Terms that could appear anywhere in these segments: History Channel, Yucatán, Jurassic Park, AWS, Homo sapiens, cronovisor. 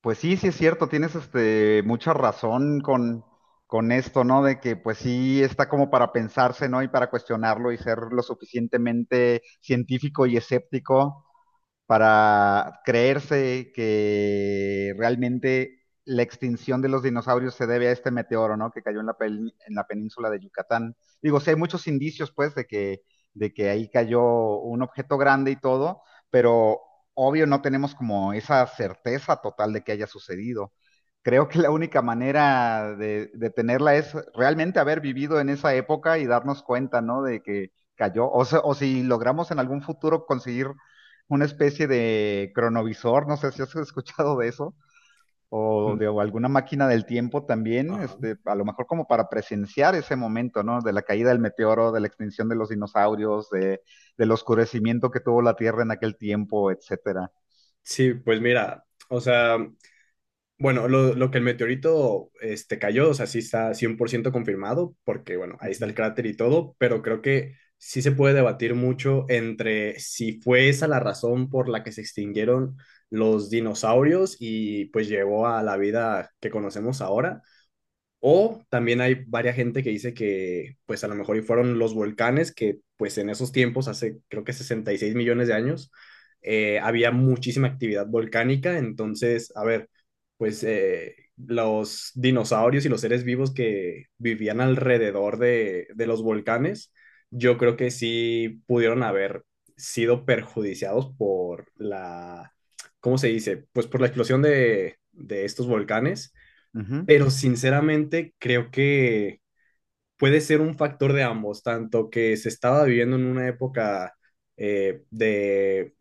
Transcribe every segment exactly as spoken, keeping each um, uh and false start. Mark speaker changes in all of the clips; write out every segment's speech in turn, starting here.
Speaker 1: Pues sí, sí es cierto, tienes este mucha razón con, con esto, ¿no? De que pues sí está como para pensarse, ¿no? Y para cuestionarlo y ser lo suficientemente científico y escéptico para creerse que realmente la extinción de los dinosaurios se debe a este meteoro, ¿no? Que cayó en la, pel- en la península de Yucatán. Digo, sí hay muchos indicios, pues, de que, de que ahí cayó un objeto grande y todo, pero obvio no tenemos como esa certeza total de que haya sucedido. Creo que la única manera de, de tenerla es realmente haber vivido en esa época y darnos cuenta, ¿no? De que cayó, o, se- o si logramos en algún futuro conseguir una especie de cronovisor, no sé si has escuchado de eso, o
Speaker 2: Mm.
Speaker 1: de o alguna máquina del tiempo también,
Speaker 2: Ajá.
Speaker 1: este, a lo mejor como para presenciar ese momento, ¿no? De la caída del meteoro, de la extinción de los dinosaurios, de, del oscurecimiento que tuvo la Tierra en aquel tiempo, etcétera.
Speaker 2: Sí, pues mira, o sea, bueno, lo, lo que el meteorito este, cayó, o sea, sí está cien por ciento confirmado, porque bueno, ahí está el
Speaker 1: Ujú,
Speaker 2: cráter y todo, pero creo que sí se puede debatir mucho entre si fue esa la razón por la que se extinguieron los dinosaurios y pues llevó a la vida que conocemos ahora. O también hay varias gente que dice que pues a lo mejor y fueron los volcanes que pues en esos tiempos, hace creo que sesenta y seis millones de años, eh, había muchísima actividad volcánica. Entonces, a ver, pues eh, los dinosaurios y los seres vivos que vivían alrededor de, de los volcanes, yo creo que sí pudieron haber sido perjudiciados por la, ¿cómo se dice? Pues por la explosión de, de estos volcanes,
Speaker 1: ujú.
Speaker 2: pero sinceramente creo que puede ser un factor de ambos, tanto que se estaba viviendo en una época eh, de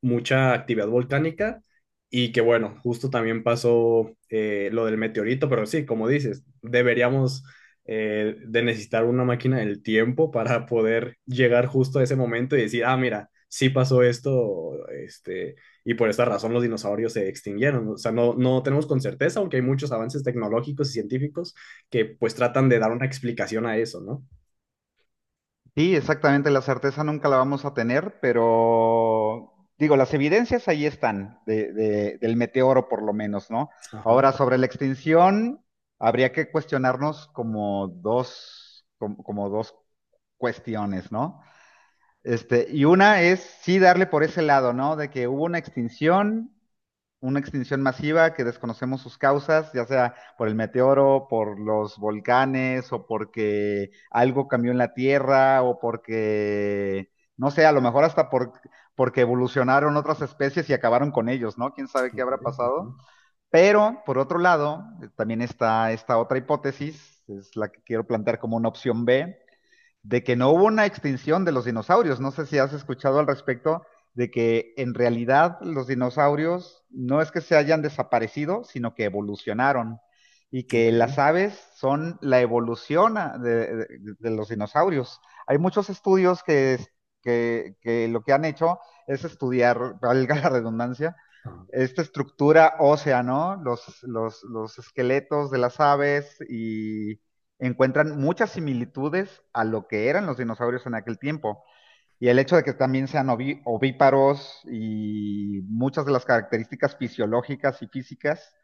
Speaker 2: mucha actividad volcánica y que bueno, justo también pasó eh, lo del meteorito, pero sí, como dices, deberíamos eh, de necesitar una máquina del tiempo para poder llegar justo a ese momento y decir, ah, mira, sí pasó esto, este, y por esta razón los dinosaurios se extinguieron. O sea, no, no tenemos con certeza, aunque hay muchos avances tecnológicos y científicos que pues tratan de dar una explicación a eso, ¿no?
Speaker 1: Sí, exactamente, la certeza nunca la vamos a tener, pero digo, las evidencias ahí están, de- de- del meteoro por lo menos, ¿no?
Speaker 2: Ajá,
Speaker 1: Ahora, sobre la extinción, habría que cuestionarnos como dos, como, como dos cuestiones, ¿no? Este, y una es sí darle por ese lado, ¿no? De que hubo una extinción una extinción masiva que desconocemos sus causas, ya sea por el meteoro, por los volcanes, o porque algo cambió en la Tierra, o porque, no sé, a lo mejor hasta por, porque evolucionaron otras especies y acabaron con ellos, ¿no? ¿Quién sabe
Speaker 2: ok,
Speaker 1: qué habrá pasado?
Speaker 2: ajá,
Speaker 1: Pero, por otro lado, eh, también está esta otra hipótesis, es la que quiero plantear como una opción B, de que no hubo una extinción de los dinosaurios. No sé si has escuchado al respecto de que en realidad los dinosaurios no es que se hayan desaparecido, sino que evolucionaron y que
Speaker 2: ok,
Speaker 1: las aves son la evolución a- de, de- de los dinosaurios. Hay muchos estudios que, que- que lo que han hecho es estudiar, valga la redundancia,
Speaker 2: ajá,
Speaker 1: esta estructura ósea, ¿no? Los, los, los esqueletos de las aves y encuentran muchas similitudes a lo que eran los dinosaurios en aquel tiempo. Y el hecho de que también sean oví- ovíparos y muchas de las características fisiológicas y físicas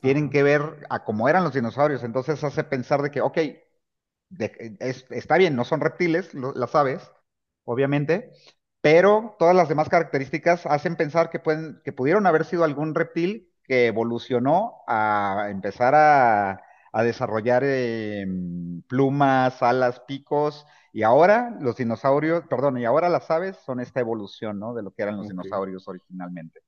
Speaker 1: tienen
Speaker 2: ajá,
Speaker 1: que ver a cómo eran los dinosaurios. Entonces hace pensar de que, ok, de- es- está bien, no son reptiles lo- las aves, obviamente, pero todas las demás características hacen pensar que pueden, que pudieron haber sido algún reptil que evolucionó a empezar a, a desarrollar em, plumas, alas, picos, y ahora los dinosaurios, perdón, y ahora las aves son esta evolución, ¿no? De lo que eran los
Speaker 2: ok.
Speaker 1: dinosaurios originalmente.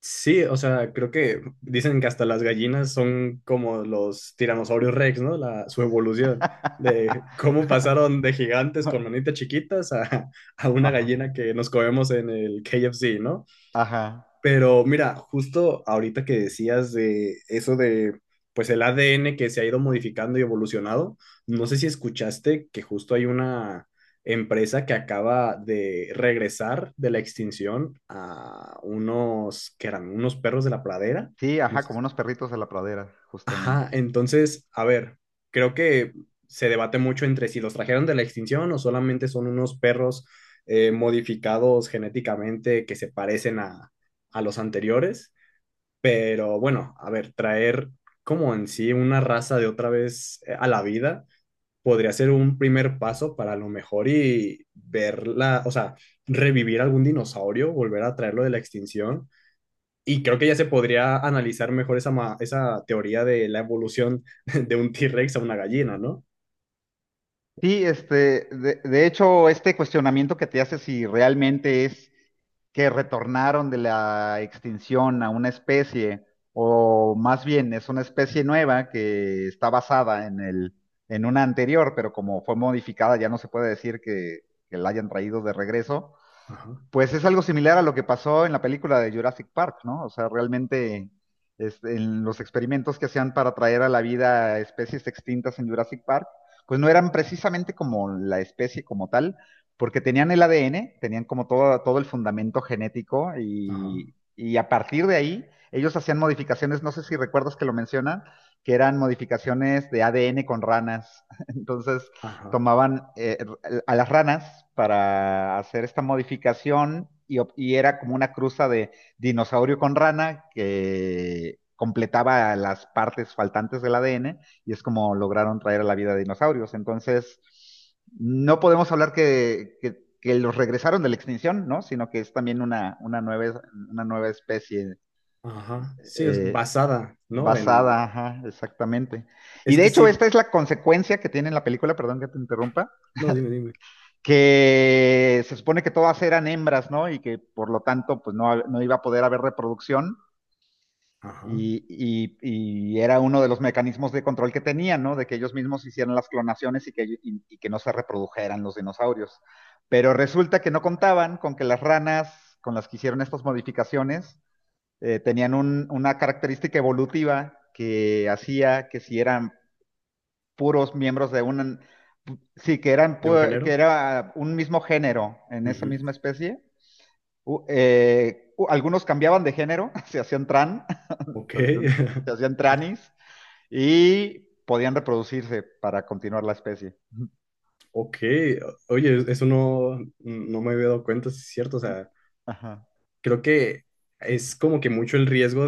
Speaker 2: Sí, o sea, creo que dicen que hasta las gallinas son como los tiranosaurios Rex, ¿no? La, su evolución de cómo pasaron de gigantes con manitas chiquitas a, a una
Speaker 1: Ajá,
Speaker 2: gallina que nos comemos en el K F C,
Speaker 1: ajá.
Speaker 2: pero mira, justo ahorita que decías de eso de, pues el A D N que se ha ido modificando y evolucionado, no sé si escuchaste que justo hay una empresa que acaba de regresar de la extinción a unos, que eran unos perros de la pradera.
Speaker 1: Sí,
Speaker 2: No
Speaker 1: ajá,
Speaker 2: sé
Speaker 1: como
Speaker 2: si,
Speaker 1: unos perritos de la pradera, justamente.
Speaker 2: ajá, entonces, a ver, creo que se debate mucho entre si los trajeron de la extinción o solamente son unos perros eh, modificados genéticamente que se parecen a a los anteriores. Pero bueno, a ver, traer como en sí una raza de otra vez eh, a la vida podría ser un primer paso para a lo mejor y verla, o sea, revivir algún dinosaurio, volver a traerlo de la extinción. Y creo que ya se podría analizar mejor esa, ma- esa teoría de la evolución de un T-Rex a una gallina, ¿no?
Speaker 1: Sí, este, de, de hecho, este cuestionamiento que te hace si realmente es que retornaron de la extinción a una especie, o más bien es una especie nueva que está basada en el, en una anterior, pero como fue modificada, ya no se puede decir que, que la hayan traído de regreso.
Speaker 2: Ajá,
Speaker 1: Pues es algo similar a lo que pasó en la película de Jurassic Park, ¿no? O sea, realmente es- en los experimentos que hacían para traer a la vida especies extintas en Jurassic Park, pues no eran precisamente como la especie como tal, porque tenían el A D N, tenían como todo, todo el fundamento genético
Speaker 2: ajá,
Speaker 1: y, y a partir de ahí ellos hacían modificaciones, no sé si recuerdas que lo mencionan, que eran modificaciones de A D N con ranas. Entonces,
Speaker 2: ajá,
Speaker 1: tomaban eh, a las ranas para hacer esta modificación y, ob- y era como una cruza de dinosaurio con rana que completaba las partes faltantes del A D N y es como lograron traer a la vida dinosaurios. Entonces, no podemos hablar que, que- que los regresaron de la extinción, ¿no? Sino que es también una, una nueva, una nueva especie
Speaker 2: ajá. Sí, es
Speaker 1: eh,
Speaker 2: basada, ¿no? En.
Speaker 1: basada, ajá, exactamente. Y
Speaker 2: Es
Speaker 1: de
Speaker 2: que
Speaker 1: hecho,
Speaker 2: sí,
Speaker 1: esta es la consecuencia que tiene en la película, perdón que te interrumpa,
Speaker 2: no, dime, dime.
Speaker 1: que se supone que todas eran hembras, ¿no? Y que por lo tanto, pues no, no iba a poder haber reproducción.
Speaker 2: Ajá.
Speaker 1: Y, y, y, era uno de los mecanismos de control que tenían, ¿no? De que ellos mismos hicieran las clonaciones y que, y, y que no se reprodujeran los dinosaurios. Pero resulta que no contaban con que las ranas con las que hicieron estas modificaciones eh, tenían un, una característica evolutiva que hacía que si eran puros miembros de un, sí, que eran
Speaker 2: ¿De un
Speaker 1: pu- que
Speaker 2: género?
Speaker 1: era un mismo género en esa
Speaker 2: Ujú.
Speaker 1: misma especie. U- eh, u- algunos cambiaban de género, se hacían tran,
Speaker 2: Ok.
Speaker 1: se hacían, se hacían tranis y podían reproducirse para continuar la especie.
Speaker 2: Ok, oye, eso no, no me había dado cuenta, sí es cierto, o sea,
Speaker 1: Ajá.
Speaker 2: creo que es como que mucho el riesgo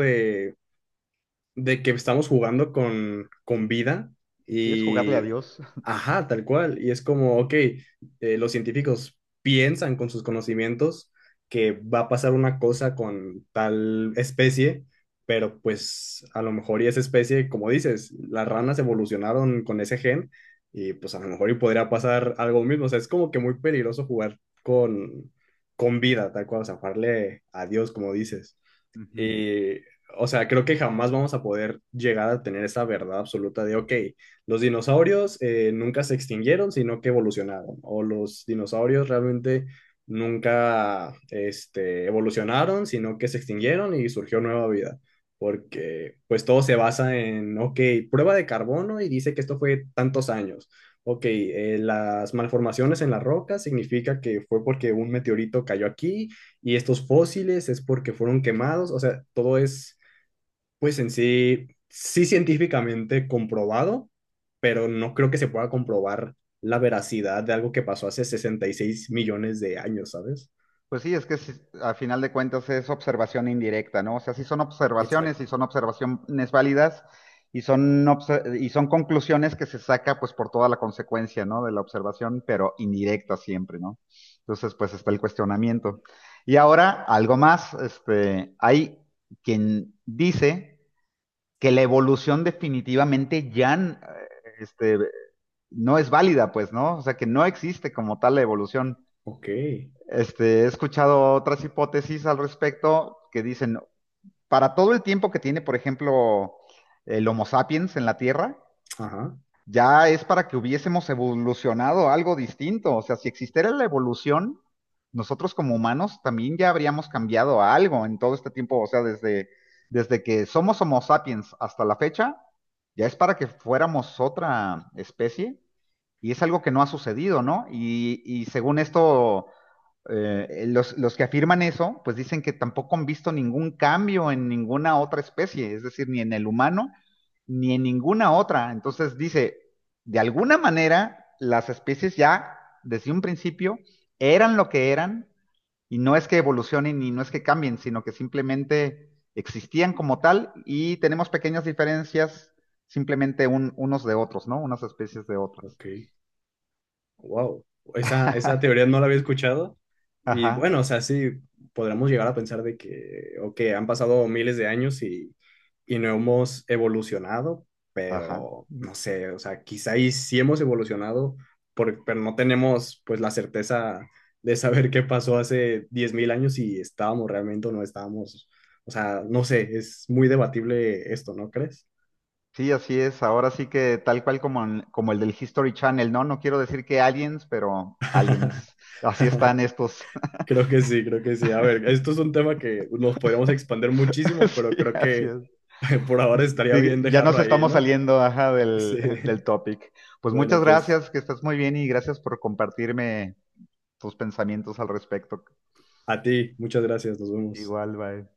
Speaker 2: de que estamos jugando con, con vida
Speaker 1: Sí, es jugarle a
Speaker 2: y,
Speaker 1: Dios.
Speaker 2: ajá, tal cual. Y es como, ok, eh, los científicos piensan con sus conocimientos que va a pasar una cosa con tal especie, pero pues a lo mejor y esa especie, como dices, las ranas evolucionaron con ese gen y pues a lo mejor y podría pasar algo mismo. O sea, es como que muy peligroso jugar con, con vida, tal cual, o sea, jugarle a Dios, como dices.
Speaker 1: Ujú.
Speaker 2: Y, o sea, creo que jamás vamos a poder llegar a tener esa verdad absoluta de, ok, los dinosaurios eh, nunca se extinguieron, sino que evolucionaron, o los dinosaurios realmente nunca este, evolucionaron, sino que se extinguieron y surgió nueva vida, porque pues todo se basa en, ok, prueba de carbono y dice que esto fue tantos años. Ok, eh, las malformaciones en la roca significa que fue porque un meteorito cayó aquí y estos fósiles es porque fueron quemados, o sea, todo es pues en sí, sí científicamente comprobado, pero no creo que se pueda comprobar la veracidad de algo que pasó hace sesenta y seis millones de años, ¿sabes?
Speaker 1: Pues sí, es que si- a final de cuentas es observación indirecta, ¿no? O sea, sí son observaciones y
Speaker 2: Exacto.
Speaker 1: son observaciones válidas y son, obse- y son conclusiones que se saca pues por toda la consecuencia, ¿no? De la observación, pero indirecta siempre, ¿no? Entonces, pues está el cuestionamiento. Y ahora, algo más, este, hay quien dice que la evolución definitivamente ya, eh, este, no es válida, pues, ¿no? O sea, que no existe como tal la evolución.
Speaker 2: Ok,
Speaker 1: Este, he escuchado otras hipótesis al respecto que dicen, para todo el tiempo que tiene, por ejemplo, el Homo sapiens en la Tierra,
Speaker 2: ajá,
Speaker 1: ya es para que hubiésemos evolucionado algo distinto. O sea, si existiera la evolución, nosotros como humanos también ya habríamos cambiado a algo en todo este tiempo. O sea, desde, desde que somos Homo sapiens hasta la fecha, ya es para que fuéramos otra especie. Y es algo que no ha sucedido, ¿no? Y, y según esto, eh, los, los que afirman eso, pues dicen que tampoco han visto ningún cambio en ninguna otra especie, es decir, ni en el humano, ni en ninguna otra. Entonces dice, de alguna manera, las especies ya, desde un principio, eran lo que eran, y no es que evolucionen y no es que cambien, sino que simplemente existían como tal y tenemos pequeñas diferencias simplemente un, unos de otros, ¿no? Unas especies de otras.
Speaker 2: ok. Wow, esa, esa teoría no la había escuchado. Y bueno,
Speaker 1: Ajá,
Speaker 2: o sea, sí, podríamos llegar a pensar de que, ok, han pasado miles de años y, y no hemos evolucionado,
Speaker 1: ajá.
Speaker 2: pero no sé, o sea, quizá y sí hemos evolucionado, por- pero no tenemos pues la certeza de saber qué pasó hace diez mil años si estábamos realmente o no estábamos. O sea, no sé, es muy debatible esto, ¿no crees?
Speaker 1: Sí, así es. Ahora sí que tal cual como, en- como el del History Channel, ¿no? No quiero decir que aliens, pero aliens. Así están estos.
Speaker 2: Creo que sí, creo que sí. A ver, esto es un tema que nos podríamos expandir muchísimo,
Speaker 1: Sí,
Speaker 2: pero creo
Speaker 1: así
Speaker 2: que
Speaker 1: es.
Speaker 2: por ahora estaría bien
Speaker 1: Sí, ya nos
Speaker 2: dejarlo ahí,
Speaker 1: estamos
Speaker 2: ¿no?
Speaker 1: saliendo, ajá,
Speaker 2: Sí.
Speaker 1: del, del topic. Pues muchas
Speaker 2: Bueno, pues
Speaker 1: gracias, que estás muy bien y gracias por compartirme tus pensamientos al respecto.
Speaker 2: a ti, muchas gracias, nos vemos.
Speaker 1: Igual, bye.